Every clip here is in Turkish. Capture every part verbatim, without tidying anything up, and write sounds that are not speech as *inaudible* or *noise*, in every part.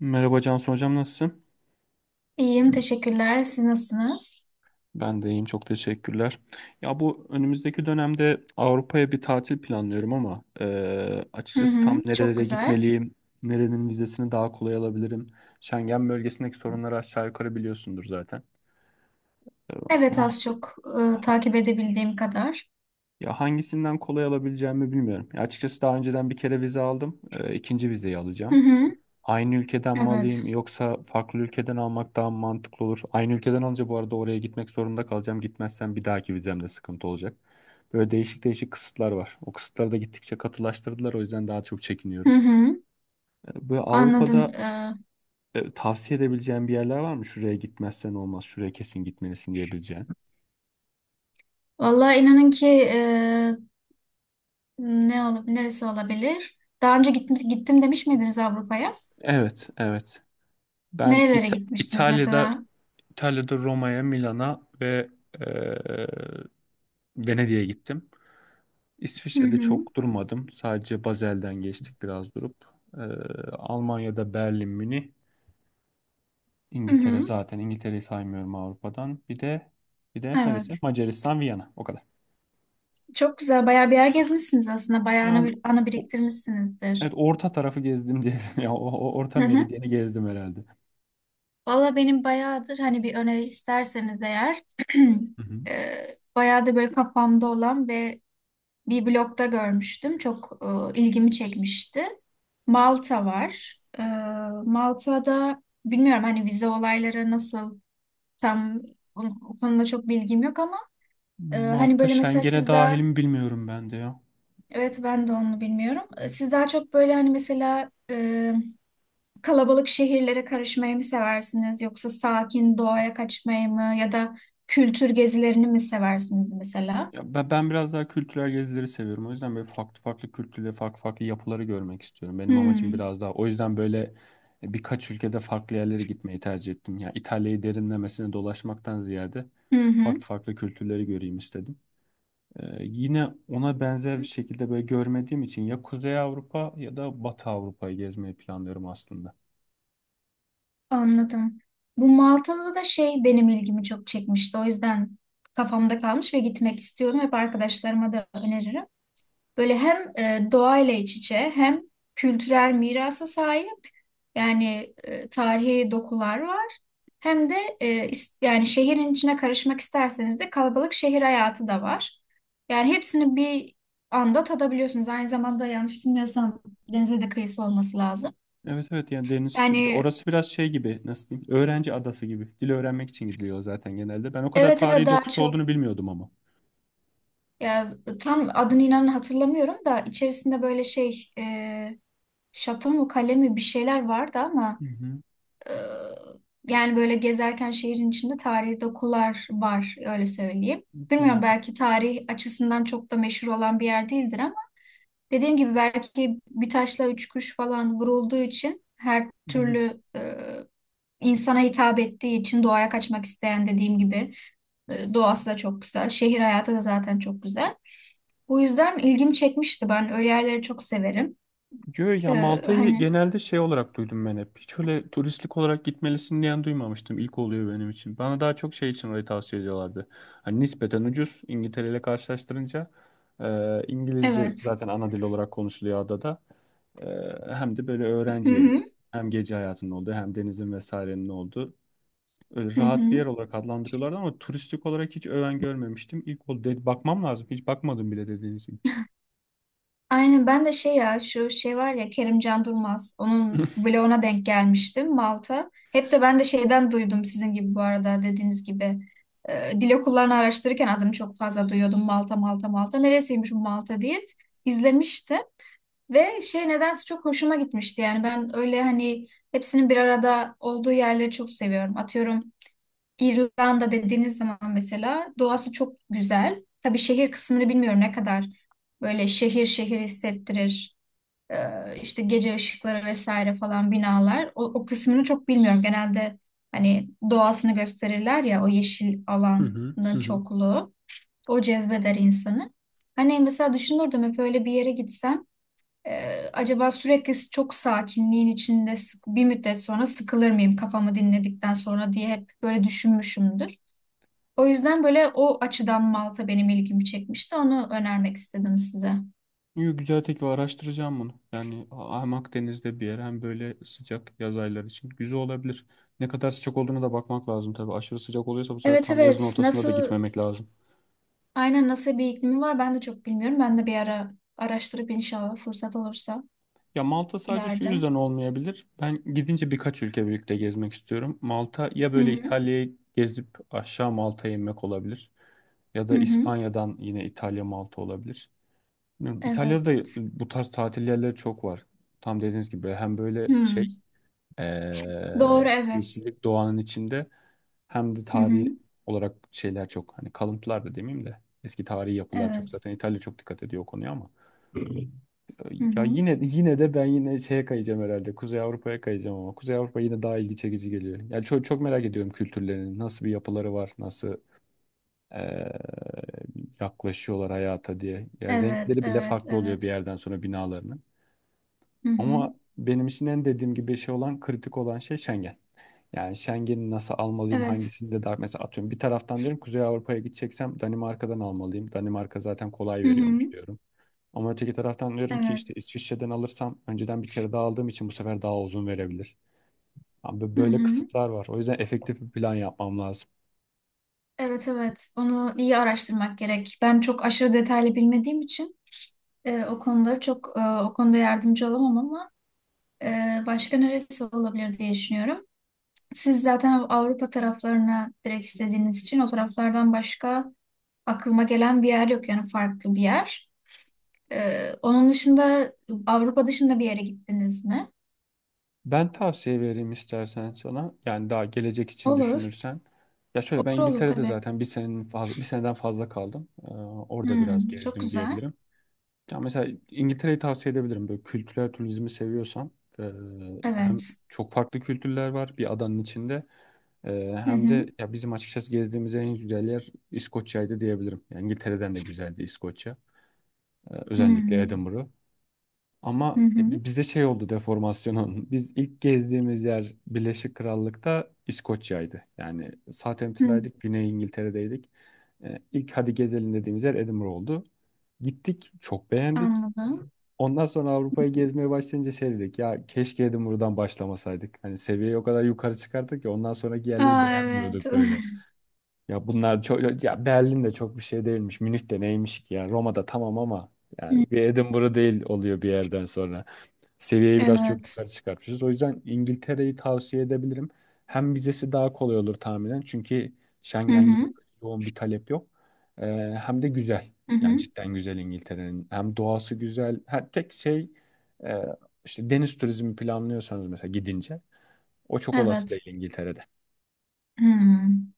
Merhaba Cansu Hocam nasılsın? İyiyim, teşekkürler. Siz nasılsınız? Ben de iyiyim çok teşekkürler. Ya bu önümüzdeki dönemde Avrupa'ya bir tatil planlıyorum ama e, Hı açıkçası tam hı, çok nerelere güzel. gitmeliyim, nerenin vizesini daha kolay alabilirim. Schengen bölgesindeki sorunları aşağı yukarı biliyorsundur zaten. E, Evet, ama az çok, e, ha- takip edebildiğim kadar. Ya hangisinden kolay alabileceğimi bilmiyorum. Ya açıkçası daha önceden bir kere vize aldım, e, ikinci vizeyi Hı alacağım. hı, Aynı ülkeden mi alayım evet. yoksa farklı ülkeden almak daha mı mantıklı olur? Aynı ülkeden alınca bu arada oraya gitmek zorunda kalacağım. Gitmezsem bir dahaki vizemde sıkıntı olacak. Böyle değişik değişik kısıtlar var. O kısıtları da gittikçe katılaştırdılar. O yüzden daha çok Hı çekiniyorum. hı, E, Böyle anladım. Avrupa'da E, e, tavsiye edebileceğin bir yerler var mı? Şuraya gitmezsen olmaz, şuraya kesin gitmelisin diyebileceğin. Vallahi inanın ki, e, ne olup neresi olabilir? Daha önce gittim, gittim demiş miydiniz Avrupa'ya? Evet, evet. Ben Nerelere İta- gitmiştiniz İtalya'da mesela? İtalya'da Roma'ya, Milan'a ve e, Venedik'e gittim. Hı İsviçre'de hı, çok durmadım. Sadece Basel'den geçtik biraz durup. Ee, Almanya'da Berlin, Münih. hı İngiltere hı, zaten. İngiltere'yi saymıyorum Avrupa'dan. Bir de bir de neresi? evet. Macaristan, Viyana. O kadar. Çok güzel. Bayağı bir yer gezmişsiniz aslında. Bayağı ana, Yani ana o- biriktirmişsinizdir. evet orta tarafı gezdim diye. *laughs* Ya o, o orta Hı hı. meridyeni gezdim herhalde. Valla benim bayağıdır hani bir öneri isterseniz eğer *clears throat* Hı hı. e, bayağıdır böyle kafamda olan ve bir blogda görmüştüm. Çok e, ilgimi çekmişti. Malta var. E, Malta'da bilmiyorum hani vize olayları nasıl, tam o, o konuda çok bilgim yok ama e, hani Malta böyle mesela Schengen'e siz daha dahil mi bilmiyorum ben de ya. evet, ben de onu bilmiyorum. E, Siz daha çok böyle hani mesela kalabalık şehirlere karışmayı mı seversiniz, yoksa sakin doğaya kaçmayı mı, ya da kültür gezilerini mi seversiniz mesela? Ya ben, ben biraz daha kültürel gezileri seviyorum. O yüzden böyle farklı farklı kültürleri, farklı farklı yapıları görmek istiyorum. Benim amacım Hmm. biraz daha. O yüzden böyle e, birkaç ülkede farklı yerlere gitmeyi tercih ettim. Ya İtalya'yı derinlemesine dolaşmaktan ziyade Hı farklı hı. farklı kültürleri göreyim istedim. Ee, yine ona benzer bir şekilde böyle görmediğim için ya Kuzey Avrupa ya da Batı Avrupa'yı gezmeyi planlıyorum aslında. Anladım. Bu Malta'da da şey, benim ilgimi çok çekmişti. O yüzden kafamda kalmış ve gitmek istiyordum. Hep arkadaşlarıma da öneririm. Böyle hem e, doğayla iç içe, hem kültürel mirasa sahip. Yani, e, tarihi dokular var. Hem de e, is- yani şehrin içine karışmak isterseniz de kalabalık şehir hayatı da var. Yani hepsini bir anda tadabiliyorsunuz. Aynı zamanda yanlış bilmiyorsam denize de kıyısı olması lazım. Evet evet, yani deniz tür- ya Yani orası biraz şey gibi, nasıl diyeyim, öğrenci adası gibi. Dil öğrenmek için gidiliyor zaten genelde. Ben o kadar evet, evet, tarihi daha dokusu çok olduğunu bilmiyordum ama. ya, tam adını inanın hatırlamıyorum, da içerisinde böyle şey, e, şato mu kale mi bir şeyler vardı ama Hı hı, Ee, yani böyle gezerken şehrin içinde tarihi dokular var, öyle söyleyeyim. Bilmiyorum, doğru. belki tarih açısından çok da meşhur olan bir yer değildir ama dediğim gibi, belki bir taşla üç kuş falan vurulduğu için, her Hı. türlü e, insana hitap ettiği için, doğaya kaçmak isteyen, dediğim gibi, e, doğası da çok güzel. Şehir hayatı da zaten çok güzel. Bu yüzden ilgimi çekmişti. Ben öyle yerleri çok severim. Yo, ya Ee, Malta'yı hani genelde şey olarak duydum ben hep. Hiç öyle turistik olarak gitmelisin diyen duymamıştım. İlk oluyor benim için. Bana daha çok şey için orayı tavsiye ediyorlardı. Hani nispeten ucuz İngiltere ile karşılaştırınca. e, İngilizce evet. zaten ana dil olarak konuşuluyor adada. E, Hem de böyle Hı öğrenci yeri. hı. Hem gece hayatının olduğu, hem denizin vesairenin olduğu. Öyle Hı rahat bir yer hı. olarak adlandırıyorlardı ama turistik olarak hiç öven görmemiştim. İlk oldu. Bakmam lazım. Hiç bakmadım bile dediğiniz gibi. Aynen, ben de şey, ya şu şey var ya, Kerimcan Durmaz, onun *laughs* vloguna denk gelmiştim, Malta. Hep de ben de şeyden duydum sizin gibi, bu arada, dediğiniz gibi. Ee, dil okullarını araştırırken adını çok fazla duyuyordum, Malta Malta Malta. Neresiymiş bu Malta diye izlemiştim. Ve şey, nedense çok hoşuma gitmişti, yani ben öyle hani hepsinin bir arada olduğu yerleri çok seviyorum. Atıyorum, İrlanda dediğiniz zaman mesela doğası çok güzel. Tabii şehir kısmını bilmiyorum, ne kadar böyle şehir şehir hissettirir. Ee, işte gece ışıkları vesaire falan, binalar. O, o kısmını çok bilmiyorum. Genelde hani doğasını gösterirler ya, o yeşil Hı hı, hı alanın hı. çokluğu. O cezbeder insanı. Hani mesela düşünürdüm hep, öyle bir yere gitsem e, acaba sürekli çok sakinliğin içinde sık- bir müddet sonra sıkılır mıyım kafamı dinledikten sonra diye, hep böyle düşünmüşümdür. O yüzden böyle, o açıdan Malta benim ilgimi çekmişti. Onu önermek istedim size. Yo, güzel teklif, araştıracağım bunu. Yani A- hem Akdeniz'de bir yer, hem böyle sıcak yaz ayları için güzel olabilir. Ne kadar sıcak olduğuna da bakmak lazım tabii. Aşırı sıcak oluyorsa bu sefer Evet, tam yazın evet. ortasında da Nasıl, gitmemek lazım. aynen nasıl bir iklimi var ben de çok bilmiyorum. Ben de bir ara araştırıp inşallah fırsat olursa Ya Malta sadece şu ileride. yüzden olmayabilir. Ben gidince birkaç ülke birlikte gezmek istiyorum. Malta ya Hı böyle hı. İtalya'yı gezip aşağı Malta'ya inmek olabilir. Ya Hı da hı. İspanya'dan yine İtalya Malta olabilir. Bilmiyorum. Evet. İtalya'da bu tarz tatil yerleri çok var. Tam dediğiniz gibi hem böyle Hı. şey, Ee, Doğru, evet. yeşillik, doğanın içinde, hem de Hı tarihi hı. olarak şeyler çok, hani kalıntılar da demeyeyim de eski tarihi yapılar çok, Evet. zaten İtalya çok dikkat ediyor o konuya ama Ee, Hı ya hı. yine yine de ben yine şeye kayacağım herhalde, Kuzey Avrupa'ya kayacağım ama Kuzey Avrupa yine daha ilgi çekici geliyor. Yani çok çok merak ediyorum kültürlerini, nasıl bir yapıları var, nasıl ee, yaklaşıyorlar hayata diye. Yani Evet, renkleri bile evet, farklı oluyor bir evet. yerden sonra binalarının. Hı Ama hı. benim için en, dediğim gibi, şey olan, kritik olan şey Schengen. Yani Schengen'i nasıl almalıyım, Evet. hangisinde daha, mesela atıyorum, bir taraftan diyorum Kuzey Avrupa'ya gideceksem Danimarka'dan almalıyım. Danimarka zaten kolay Hı hı. veriyormuş diyorum. Ama öteki taraftan diyorum ki Evet. işte İsviçre'den alırsam, önceden bir kere daha aldığım için, bu sefer daha uzun verebilir. Abi Hı böyle hı. kısıtlar var. O yüzden efektif bir plan yapmam lazım. Evet, evet. Onu iyi araştırmak gerek. Ben çok aşırı detaylı bilmediğim için, Ee, o konuları çok, e, o konuda yardımcı olamam ama e, başka neresi olabilir diye düşünüyorum. Siz zaten Av- Avrupa taraflarına direkt istediğiniz için, o taraflardan başka aklıma gelen bir yer yok, yani farklı bir yer. Ee, onun dışında, Avrupa dışında bir yere gittiniz mi? Ben tavsiye vereyim istersen sana. Yani daha gelecek için Olur. düşünürsen. Ya şöyle, ben Olur, olur, İngiltere'de tabii. zaten bir senenin fazla, bir seneden fazla kaldım. Ee, orada biraz Hmm, çok gezdim güzel. diyebilirim. Ya mesela İngiltere'yi tavsiye edebilirim. Böyle kültürel turizmi seviyorsan, eee, hem Evet. çok farklı kültürler var bir adanın içinde, Eee, Hı hem de hı. ya bizim açıkçası gezdiğimiz en güzel yer İskoçya'ydı diyebilirim. Yani İngiltere'den de güzeldi İskoçya. Eee, özellikle Hmm. Edinburgh. Ama Hı bi- hı. bize şey oldu, deformasyonun. *laughs* Biz ilk gezdiğimiz yer Birleşik Krallık'ta İskoçya'ydı. Yani Hı. Southampton'daydık, Güney İngiltere'deydik. Eee, İlk hadi gezelim dediğimiz yer Edinburgh oldu. Gittik, çok beğendik. Anladım. Ondan sonra Avrupa'yı gezmeye başlayınca şey dedik, ya keşke dedim buradan başlamasaydık. Hani seviyeyi o kadar yukarı çıkarttık ki ondan sonraki yerleri Aa, evet. beğenmiyorduk böyle. *laughs* Ya bunlar çok, ya Berlin de çok bir şey değilmiş. Münih de neymiş ki, ya Roma'da tamam ama Hı, yani bir Edinburgh değil oluyor bir yerden sonra. Seviyeye biraz çok evet. yukarı çıkartmışız. O yüzden İngiltere'yi tavsiye edebilirim. Hem vizesi daha kolay olur tahminen. Çünkü Hı Schengen gibi hı. yoğun bir talep yok. Ee, Hem de güzel. Hı Yani hı. cidden güzel İngiltere'nin. Hem doğası güzel. Ha, tek şey, e, işte deniz turizmi planlıyorsanız mesela gidince, o çok olası değil Evet. İngiltere'de. Hmm.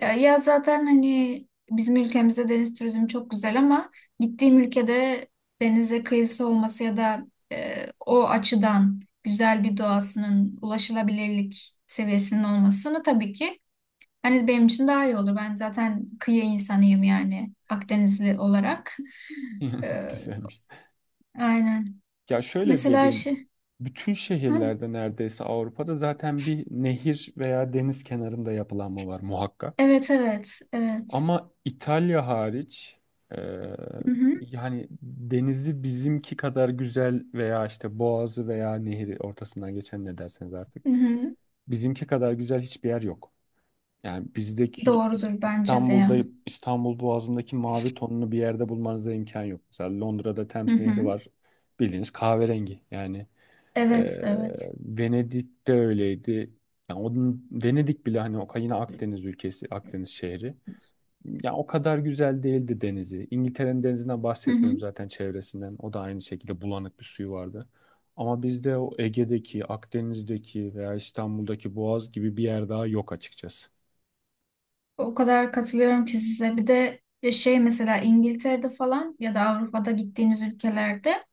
Ya, ya zaten hani bizim ülkemizde deniz turizmi çok güzel ama gittiğim ülkede denize kıyısı olması, ya da e, o açıdan güzel bir doğasının, ulaşılabilirlik seviyesinin olmasını tabii ki hani benim için daha iyi olur. Ben zaten kıyı insanıyım, yani Akdenizli olarak. *laughs* E, *laughs* Güzelmiş. aynen. Ya şöyle Mesela diyebilirim. şey. Bütün Hı, şehirlerde neredeyse Avrupa'da zaten bir nehir veya deniz kenarında yapılanma var muhakkak. evet, evet, evet. Ama İtalya hariç, e, Hı hı, yani denizi bizimki kadar güzel, veya işte boğazı veya nehri ortasından geçen ne derseniz artık, hı hı. bizimki kadar güzel hiçbir yer yok. Yani bizdeki, İs- Doğrudur bence de İstanbul'da ya. İstanbul Boğazı'ndaki mavi tonunu bir yerde bulmanıza imkan yok. Mesela Londra'da Hı Thames Nehri hı. var, bildiğiniz kahverengi yani. Evet, e, evet. Venedik'te öyleydi. Yani onun, Venedik bile hani o yine Akdeniz ülkesi, Akdeniz şehri. Ya o kadar güzel değildi denizi. İngiltere'nin denizinden Hı hı. bahsetmiyorum zaten, çevresinden. O da aynı şekilde bulanık bir suyu vardı. Ama bizde o Ege'deki, Akdeniz'deki veya İstanbul'daki Boğaz gibi bir yer daha yok açıkçası. O kadar katılıyorum ki size. Bir de e, şey, mesela İngiltere'de falan ya da Avrupa'da gittiğiniz ülkelerde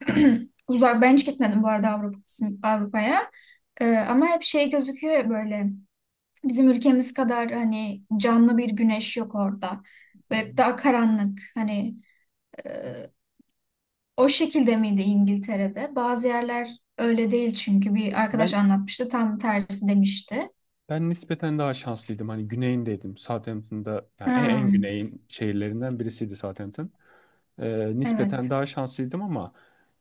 *clears throat* uzak, ben hiç gitmedim bu arada Avrupa, kısmı Avrupa'ya. Ee, ama hep şey gözüküyor ya, böyle bizim ülkemiz kadar hani canlı bir güneş yok orada. Böyle daha karanlık, hani e, o şekilde miydi İngiltere'de? Bazı yerler öyle değil, çünkü bir arkadaş Ben anlatmıştı, tam tersi demişti. Ben nispeten daha şanslıydım. Hani güneyindeydim. Southampton'da, yani en, Ha, en güneyin şehirlerinden birisiydi Southampton. Ee, nispeten evet. daha şanslıydım ama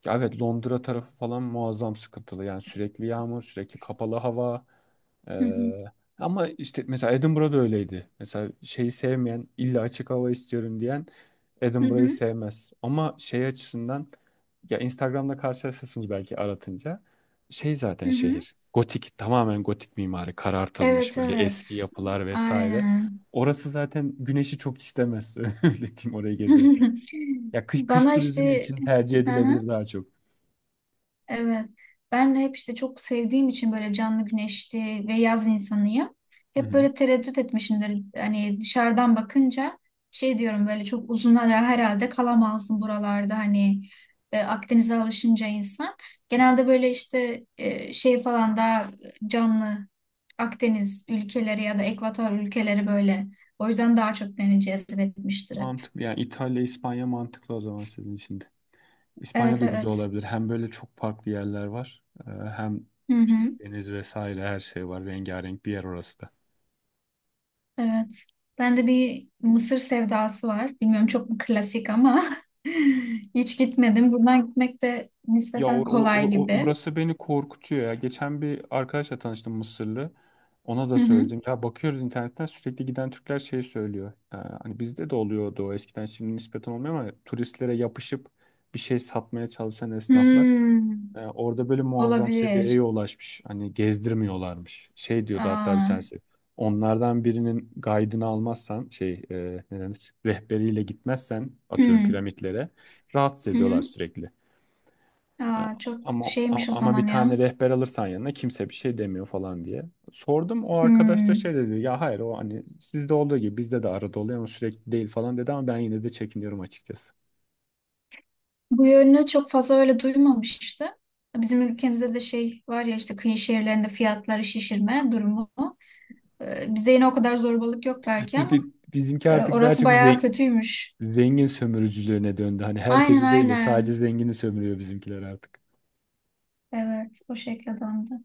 ya evet, Londra tarafı falan muazzam sıkıntılı. Yani sürekli yağmur, sürekli kapalı hava. Hı hı. Ee, Ama işte mesela Edinburgh'da öyleydi. Mesela şeyi sevmeyen, illa açık hava istiyorum diyen Hı Edinburgh'ı hı. sevmez. Ama şey açısından, ya Instagram'da karşılaşırsınız belki aratınca, şey zaten Hı hı. şehir. Gotik, tamamen gotik mimari, karartılmış Evet, böyle evet. eski yapılar vesaire. Aynen. Orası zaten güneşi çok istemez. *laughs* Öyle diyeyim, orayı gezerken. *laughs* Ya kış, kış Bana turizmi işte. için tercih Hı hı, edilebilir daha çok. evet. Ben de hep işte, çok sevdiğim için böyle canlı, güneşli ve yaz insanıyım. Hı Hep hı. böyle tereddüt etmişimdir. Hani dışarıdan bakınca şey diyorum, böyle çok uzun hala herhalde kalamazsın buralarda, hani e, Akdeniz'e alışınca insan. Genelde böyle işte, e, şey falan, daha canlı Akdeniz ülkeleri ya da Ekvator ülkeleri böyle. O yüzden daha çok beni cezbetmiştir hep. Mantıklı, yani İtalya, İspanya mantıklı o zaman sizin için de. İspanya Evet, da güzel evet. olabilir. Hem böyle çok farklı yerler var. e, Hem Hı işte hı. deniz vesaire her şey var. Rengarenk bir yer orası da. Evet. Bende bir Mısır sevdası var. Bilmiyorum, çok mu klasik ama *laughs* hiç gitmedim. Buradan gitmek de Ya nispeten or, or- kolay or- gibi. orası beni korkutuyor ya. Geçen bir arkadaşla tanıştım, Mısırlı. Ona da Hı hı. söyledim. Ya bakıyoruz internetten, sürekli giden Türkler şey söylüyor. Ee, hani bizde de oluyordu o eskiden, şimdi nispeten olmuyor, ama turistlere yapışıp bir şey satmaya çalışan esnaflar. Hmm, e, Orada böyle muazzam seviyeye olabilir. ulaşmış. Hani gezdirmiyorlarmış. Şey diyordu hatta bir Aa, tanesi. Onlardan birinin guide'ını almazsan şey, e, ne denir, rehberiyle gitmezsen atıyorum hmm, piramitlere, rahatsız hı ediyorlar hı. sürekli. Ya, Aa, çok Ama a- şeymiş o ama bir zaman ya. tane rehber alırsan yanına kimse bir şey demiyor falan diye. Sordum, o arkadaş da Hmm. şey dedi, ya hayır o hani sizde olduğu gibi bizde de arada oluyor ama sürekli değil falan dedi, ama ben yine de çekiniyorum açıkçası. Bu yönünü çok fazla öyle duymamıştım. Bizim ülkemizde de şey var ya, işte kıyı şehirlerinde fiyatları şişirme durumu. Ee, Bizde yine o kadar zorbalık yok *laughs* belki, Bi- ama bi- Bizimki e, artık daha orası çok bayağı zen- kötüymüş. zengin sömürücülüğüne döndü. Hani Aynen, herkesi değil de sadece aynen. zengini sömürüyor bizimkiler artık. Evet, o şekilde döndü.